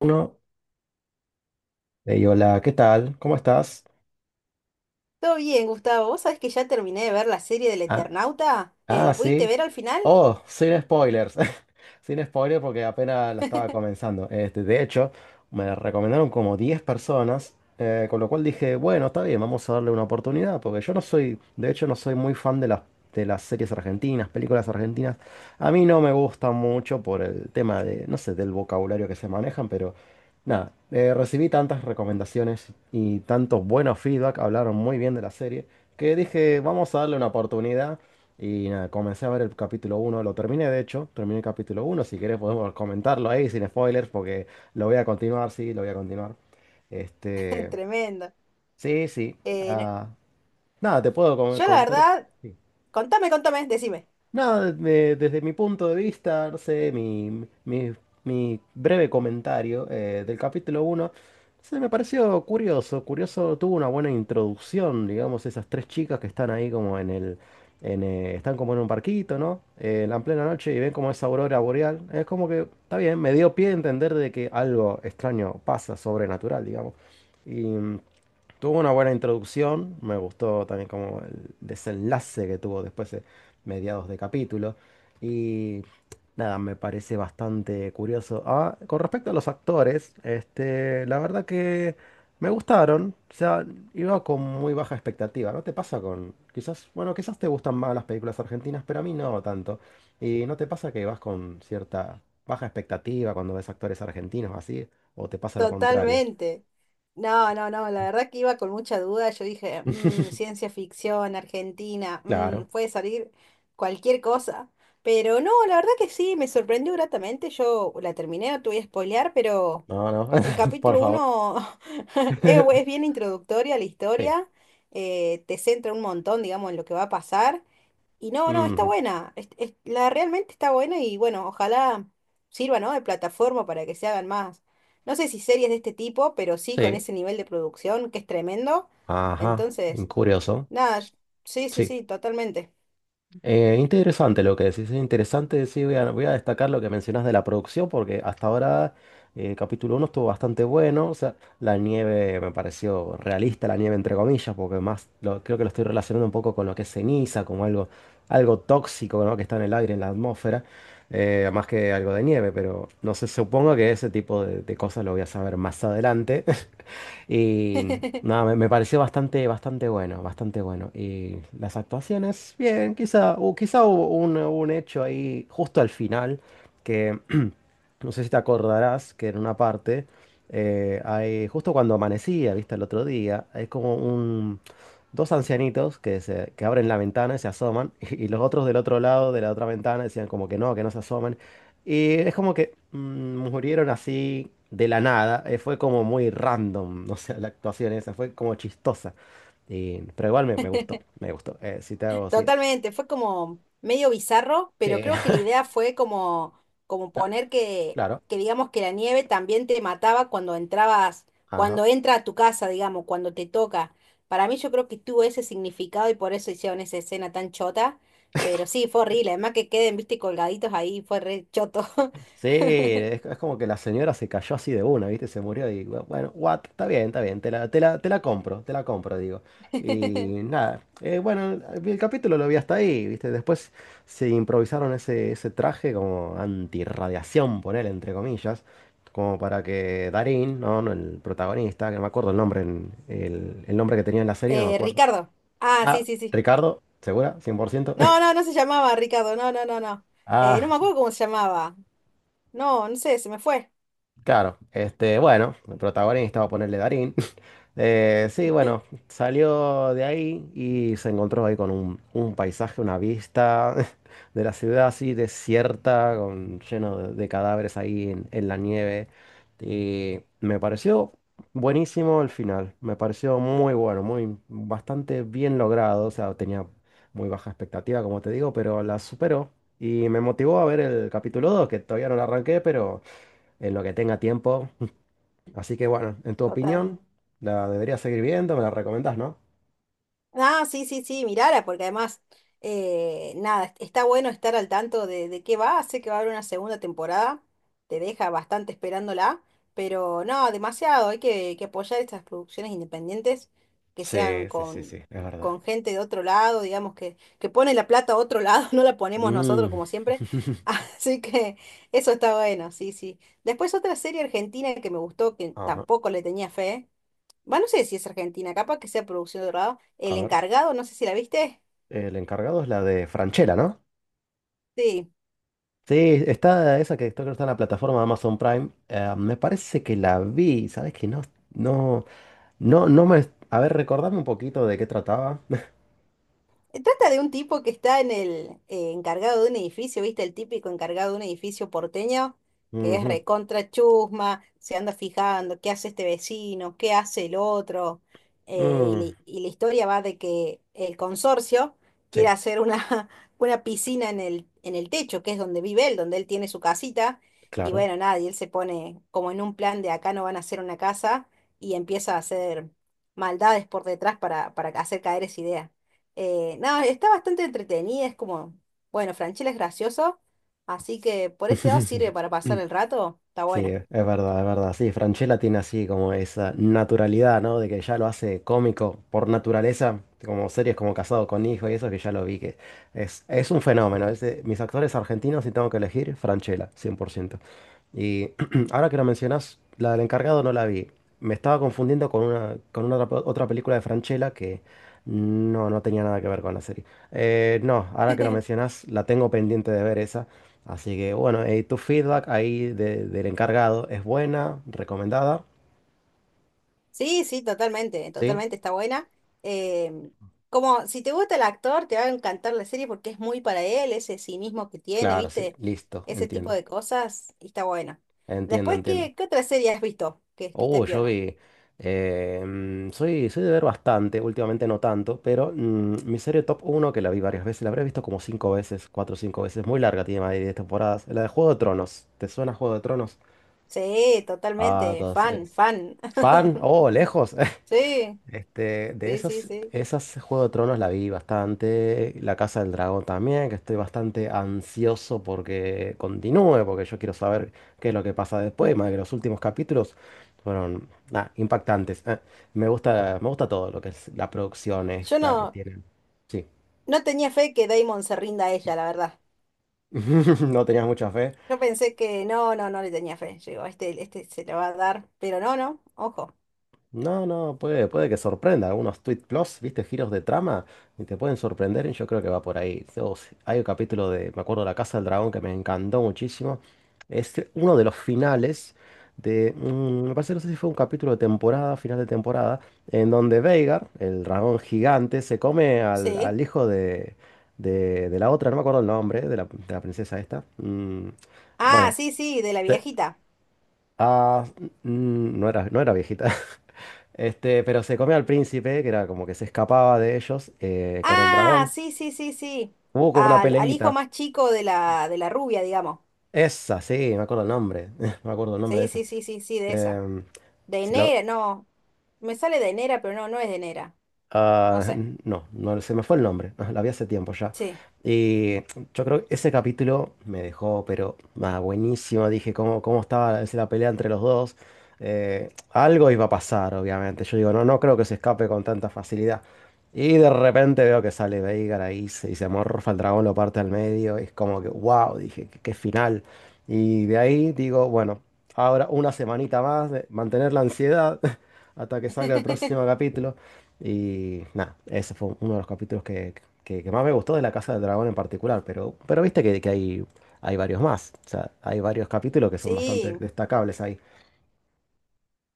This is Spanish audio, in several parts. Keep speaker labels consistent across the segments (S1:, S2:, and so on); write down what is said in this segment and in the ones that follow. S1: Uno, hey, hola, ¿qué tal? ¿Cómo estás?
S2: Todo bien, Gustavo. ¿Vos sabés que ya terminé de ver la serie del
S1: Ah,
S2: Eternauta?
S1: ah,
S2: ¿La pudiste
S1: sí.
S2: ver al final?
S1: Oh, sin spoilers. Sin spoilers porque apenas la estaba comenzando. Este, de hecho, me recomendaron como 10 personas, con lo cual dije, bueno, está bien, vamos a darle una oportunidad, porque yo no soy, de hecho, no soy muy fan de las series argentinas, películas argentinas. A mí no me gustan mucho por el tema de, no sé, del vocabulario que se manejan, pero nada, recibí tantas recomendaciones y tantos buenos feedback, hablaron muy bien de la serie, que dije, vamos a darle una oportunidad. Y nada, comencé a ver el capítulo uno. Lo terminé, de hecho, terminé el capítulo uno. Si querés podemos comentarlo ahí sin spoilers porque lo voy a continuar, sí, lo voy a continuar. Este,
S2: Tremendo.
S1: sí, sí.
S2: Eh, no-
S1: Ah, nada, te puedo
S2: yo la
S1: contar.
S2: verdad,
S1: Sí.
S2: contame, decime.
S1: Nada, desde mi punto de vista, no sé, mi breve comentario del capítulo uno se me pareció curioso. Curioso, tuvo una buena introducción, digamos, esas tres chicas que están ahí como en un barquito, ¿no? En la plena noche y ven como esa aurora boreal. Es como que, está bien, me dio pie a entender de que algo extraño pasa, sobrenatural, digamos. Y... Tuvo una buena introducción, me gustó también como el desenlace que tuvo después de mediados de capítulo. Y nada, me parece bastante curioso. Ah, con respecto a los actores, este, la verdad que me gustaron. O sea, iba con muy baja expectativa. ¿No te pasa Quizás, bueno, quizás te gustan más las películas argentinas, pero a mí no tanto? ¿Y no te pasa que vas con cierta baja expectativa cuando ves actores argentinos así? ¿O te pasa lo contrario?
S2: Totalmente. No, la verdad que iba con mucha duda. Yo dije, "Mm, ciencia ficción, Argentina, mm,
S1: Claro.
S2: puede salir cualquier cosa". Pero no, la verdad que sí, me sorprendió gratamente. Yo la terminé, no te voy a spoilear, pero...
S1: No, no,
S2: El
S1: por
S2: capítulo
S1: favor.
S2: uno es, es bien introductoria a la
S1: Sí.
S2: historia, te centra un montón, digamos, en lo que va a pasar. Y no, no, está
S1: Ujú.
S2: buena, la realmente está buena y bueno, ojalá sirva, ¿no? De plataforma para que se hagan más. No sé si series de este tipo, pero sí con
S1: Sí.
S2: ese nivel de producción que es tremendo.
S1: Ajá.
S2: Entonces,
S1: Curioso.
S2: nada, sí, sí,
S1: Sí.
S2: sí, totalmente.
S1: Interesante lo que decís. Es interesante. Sí, voy a destacar lo que mencionas de la producción, porque hasta ahora capítulo uno estuvo bastante bueno. O sea, la nieve me pareció realista, la nieve entre comillas, porque más creo que lo estoy relacionando un poco con lo que es ceniza, como algo, algo tóxico, ¿no? Que está en el aire, en la atmósfera. Más que algo de nieve, pero no sé, supongo que ese tipo de cosas lo voy a saber más adelante. Y nada, me pareció bastante, bastante bueno, bastante bueno. Y las actuaciones, bien, quizá, o quizá hubo un hecho ahí justo al final que no sé si te acordarás que en una parte, hay, justo cuando amanecía, viste, el otro día, hay como un, dos ancianitos que, se, que abren la ventana y se asoman, y, los otros del otro lado de la otra ventana decían como que no se asomen. Y es como que murieron así de la nada, fue como muy random, o sea, la actuación esa fue como chistosa. Y, pero igual me, me gustó, me gustó. Si te hago así.
S2: Totalmente, fue como medio bizarro,
S1: Sí,
S2: pero creo que la idea fue como, como
S1: cla-
S2: poner
S1: claro.
S2: que digamos que la nieve también te mataba cuando entrabas,
S1: Ajá.
S2: cuando entra a tu casa, digamos, cuando te toca. Para mí yo creo que tuvo ese significado y por eso hicieron esa escena tan chota, pero sí, fue horrible, además que queden, viste, colgaditos ahí, fue re choto.
S1: Sí, es como que la señora se cayó así de una, ¿viste? Se murió y bueno, what, está bien, te la, te la, te la compro, digo. Y nada, bueno, el capítulo lo vi hasta ahí, ¿viste? Después se improvisaron ese, ese traje como antirradiación, ponele, entre comillas, como para que Darín, ¿no? No, el protagonista, que no me acuerdo el nombre, en- el nombre que tenía en la serie, no me acuerdo.
S2: Ricardo. Ah, sí,
S1: Ah,
S2: sí, sí.
S1: Ricardo, ¿segura? 100%.
S2: No, no, no se llamaba Ricardo, no, no, no, no. No me
S1: Ah.
S2: acuerdo cómo se llamaba. No, no sé, se me fue.
S1: Claro, este, bueno, el protagonista, va a ponerle Darín. Sí, bueno, salió de ahí y se encontró ahí con un paisaje, una vista de la ciudad así desierta, lleno de cadáveres ahí en la nieve. Y me pareció buenísimo el final, me pareció muy bueno, muy bastante bien logrado. O sea, tenía muy baja expectativa, como te digo, pero la superó. Y me motivó a ver el capítulo 2 que todavía no lo arranqué, pero en lo que tenga tiempo. Así que bueno, en tu
S2: Total.
S1: opinión, ¿la debería seguir viendo? ¿Me la recomendás, no?
S2: Ah, sí, sí, sí, mirara, porque además, nada, está bueno estar al tanto de qué va, sé que va a haber una segunda temporada, te deja bastante esperándola, pero no, demasiado, hay que apoyar estas producciones independientes que sean
S1: Sí, sí, sí, sí, es verdad.
S2: con gente de otro lado, digamos, que pone la plata a otro lado, no la ponemos nosotros
S1: Mm.
S2: como siempre, así que eso está bueno, sí, sí. Después otra serie argentina que me gustó, que
S1: Ajá.
S2: tampoco le tenía fe. Bueno, no sé si es Argentina, capaz que sea producción de lado
S1: A
S2: El
S1: ver,
S2: encargado, no sé si la viste.
S1: el encargado es la de Franchella, ¿no?
S2: Sí.
S1: Sí, está esa que creo que está en la plataforma de Amazon Prime. Me parece que la vi, ¿sabes qué? No, no, no, no me... A ver, recordame un poquito de qué trataba.
S2: Trata de un tipo que está en el encargado de un edificio, ¿viste? El típico encargado de un edificio porteño, que es
S1: Ujú.
S2: recontra chusma, se anda fijando qué hace este vecino, qué hace el otro.
S1: Mm,
S2: La y la historia va de que el consorcio quiere
S1: sí,
S2: hacer una, una piscina en el techo, que es donde vive él, donde él tiene su casita. Y
S1: claro.
S2: bueno, nada, y él se pone como en un plan de acá no van a hacer una casa y empieza a hacer maldades por detrás para hacer caer esa idea. No, está bastante entretenida, es como, bueno, Franchella es gracioso, así que por ese lado sirve para pasar el rato, está
S1: Sí,
S2: buena.
S1: es verdad, es verdad. Sí, Francella tiene así como esa naturalidad, ¿no? De que ya lo hace cómico por naturaleza, como series como Casado con Hijo y eso que ya lo vi, que es un fenómeno. Es de mis actores argentinos, si tengo que elegir, Francella, 100%. Y ahora que lo mencionas, la del encargado no la vi. Me estaba confundiendo con una, otra película de Francella que no, no tenía nada que ver con la serie. No, ahora que lo mencionas, la tengo pendiente de ver esa. Así que bueno, tu feedback ahí del encargado es buena, recomendada,
S2: Sí, sí, totalmente,
S1: ¿sí?
S2: totalmente está buena. Eh, como si te gusta el actor, te va a encantar la serie porque es muy para él, ese cinismo que tiene,
S1: Claro, sí,
S2: ¿viste?
S1: listo,
S2: Ese tipo
S1: entiendo,
S2: de cosas, y está buena.
S1: entiendo,
S2: Después,
S1: entiendo.
S2: ¿qué otra serie has visto que esté
S1: Oh, yo
S2: piola?
S1: vi, soy, soy de ver bastante, últimamente no tanto, pero mi serie top uno que la vi varias veces, la habré visto como 5 veces, 4 o 5 veces, muy larga, tiene más de 10 temporadas, la de Juego de Tronos. ¿Te suena Juego de Tronos?
S2: Sí,
S1: Ah,
S2: totalmente, fan,
S1: entonces,
S2: fan.
S1: ¿fan? Oh, lejos.
S2: Sí,
S1: Este, de
S2: sí, sí,
S1: esas,
S2: sí.
S1: esas Juego de Tronos la vi bastante, La Casa del Dragón también, que estoy bastante ansioso porque continúe, porque yo quiero saber qué es lo que pasa después, más que los últimos capítulos fueron impactantes. Ah, me gusta todo lo que es la producción
S2: Yo
S1: esta que
S2: no,
S1: tienen. Sí.
S2: no tenía fe que Damon se rinda a ella, la verdad.
S1: ¿No tenías mucha fe?
S2: Yo pensé que no, no, no le tenía fe. Yo digo, este se lo va a dar, pero no, no, ojo.
S1: No, no, puede, puede que sorprenda. Algunos tweet plus, viste, giros de trama, y te pueden sorprender, y yo creo que va por ahí. So, hay un capítulo de, me acuerdo, La Casa del Dragón que me encantó muchísimo. Es uno de los finales de, me parece, no sé si fue un capítulo de temporada, final de temporada, en donde Veigar, el dragón gigante, se come al,
S2: Sí.
S1: al hijo de la otra, no me acuerdo el nombre, de la princesa esta. Mm,
S2: Ah,
S1: bueno.
S2: sí, sí, de la viejita.
S1: Ah, no era, no era viejita. Este, pero se comió al príncipe, que era como que se escapaba de ellos con el
S2: Ah,
S1: dragón.
S2: sí, sí, sí, sí.
S1: Hubo como una
S2: Al, al hijo
S1: peleita.
S2: más chico de la rubia, digamos.
S1: Esa, sí, me acuerdo el nombre. Me acuerdo el nombre de
S2: Sí,
S1: esa.
S2: sí, sí, sí, sí, de
S1: Este,
S2: esa. De
S1: se lo-
S2: Nera, no. Me sale de Nera, pero no, no es de Nera. No
S1: Ah,
S2: sé.
S1: no, no se me fue el nombre, la vi hace tiempo ya.
S2: Sí.
S1: Y yo creo que ese capítulo me dejó, pero buenísimo. Dije cómo estaba la pelea entre los dos. Algo iba a pasar, obviamente. Yo digo, no, no creo que se escape con tanta facilidad. Y de repente veo que sale Veigar ahí y se amorfa el dragón, lo parte al medio. Y es como que, wow, dije, qué, qué final. Y de ahí digo, bueno, ahora una semanita más de mantener la ansiedad hasta que salga el próximo capítulo. Y nada, ese fue uno de los capítulos que, más me gustó de La Casa del Dragón en particular, pero viste que hay varios más. O sea, hay varios capítulos que son bastante
S2: Sí,
S1: destacables ahí.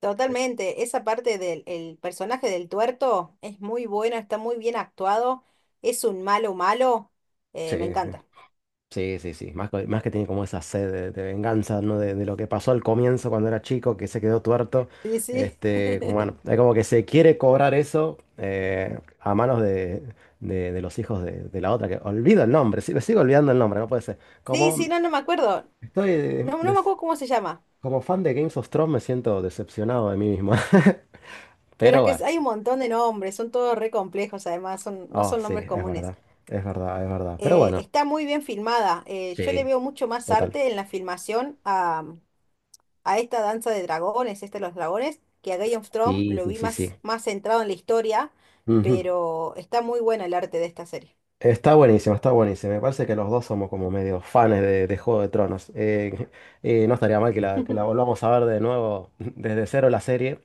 S2: totalmente, esa parte del el personaje del tuerto es muy bueno, está muy bien actuado, es un malo malo, me
S1: Sí,
S2: encanta.
S1: sí, sí, sí. Más, más que tiene como esa sed de venganza, ¿no? De lo que pasó al comienzo cuando era chico, que se quedó tuerto.
S2: Sí, sí.
S1: Este, como, bueno, es como que se quiere cobrar eso a manos de los hijos de la otra, que olvido el nombre, sí, me sigo olvidando el nombre, no puede ser.
S2: Sí, sí, no, no me acuerdo,
S1: Estoy...
S2: no, no me acuerdo cómo se llama,
S1: Como fan de Games of Thrones me siento decepcionado de mí mismo.
S2: pero es
S1: Pero bueno.
S2: que hay un montón de nombres, son todos re complejos además, son, no
S1: Oh,
S2: son
S1: sí,
S2: nombres
S1: es
S2: comunes.
S1: verdad. Es verdad, es verdad. Pero bueno,
S2: Está muy bien filmada, yo le
S1: sí,
S2: veo mucho más
S1: total.
S2: arte en la filmación a esta danza de dragones, este de los dragones, que a Game of Thrones
S1: Sí,
S2: lo
S1: sí,
S2: vi
S1: sí, sí.
S2: más, más centrado en la historia,
S1: Ujú.
S2: pero está muy bueno el arte de esta serie.
S1: Está buenísimo, está buenísimo. Me parece que los dos somos como medio fans de Juego de Tronos. No estaría mal que la volvamos a ver de nuevo desde cero la serie.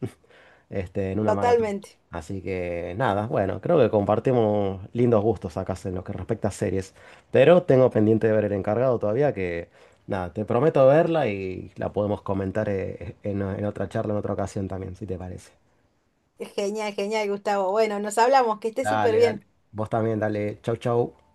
S1: Este, en una maratón.
S2: Totalmente.
S1: Así que nada, bueno, creo que compartimos lindos gustos acá en lo que respecta a series. Pero tengo pendiente de ver El Encargado todavía, que nada, te prometo verla y la podemos comentar en otra charla, en otra ocasión también, si te parece.
S2: Genial, genial, Gustavo. Bueno, nos hablamos, que esté súper
S1: Dale, dale.
S2: bien.
S1: Vos también, dale. Chau, chau.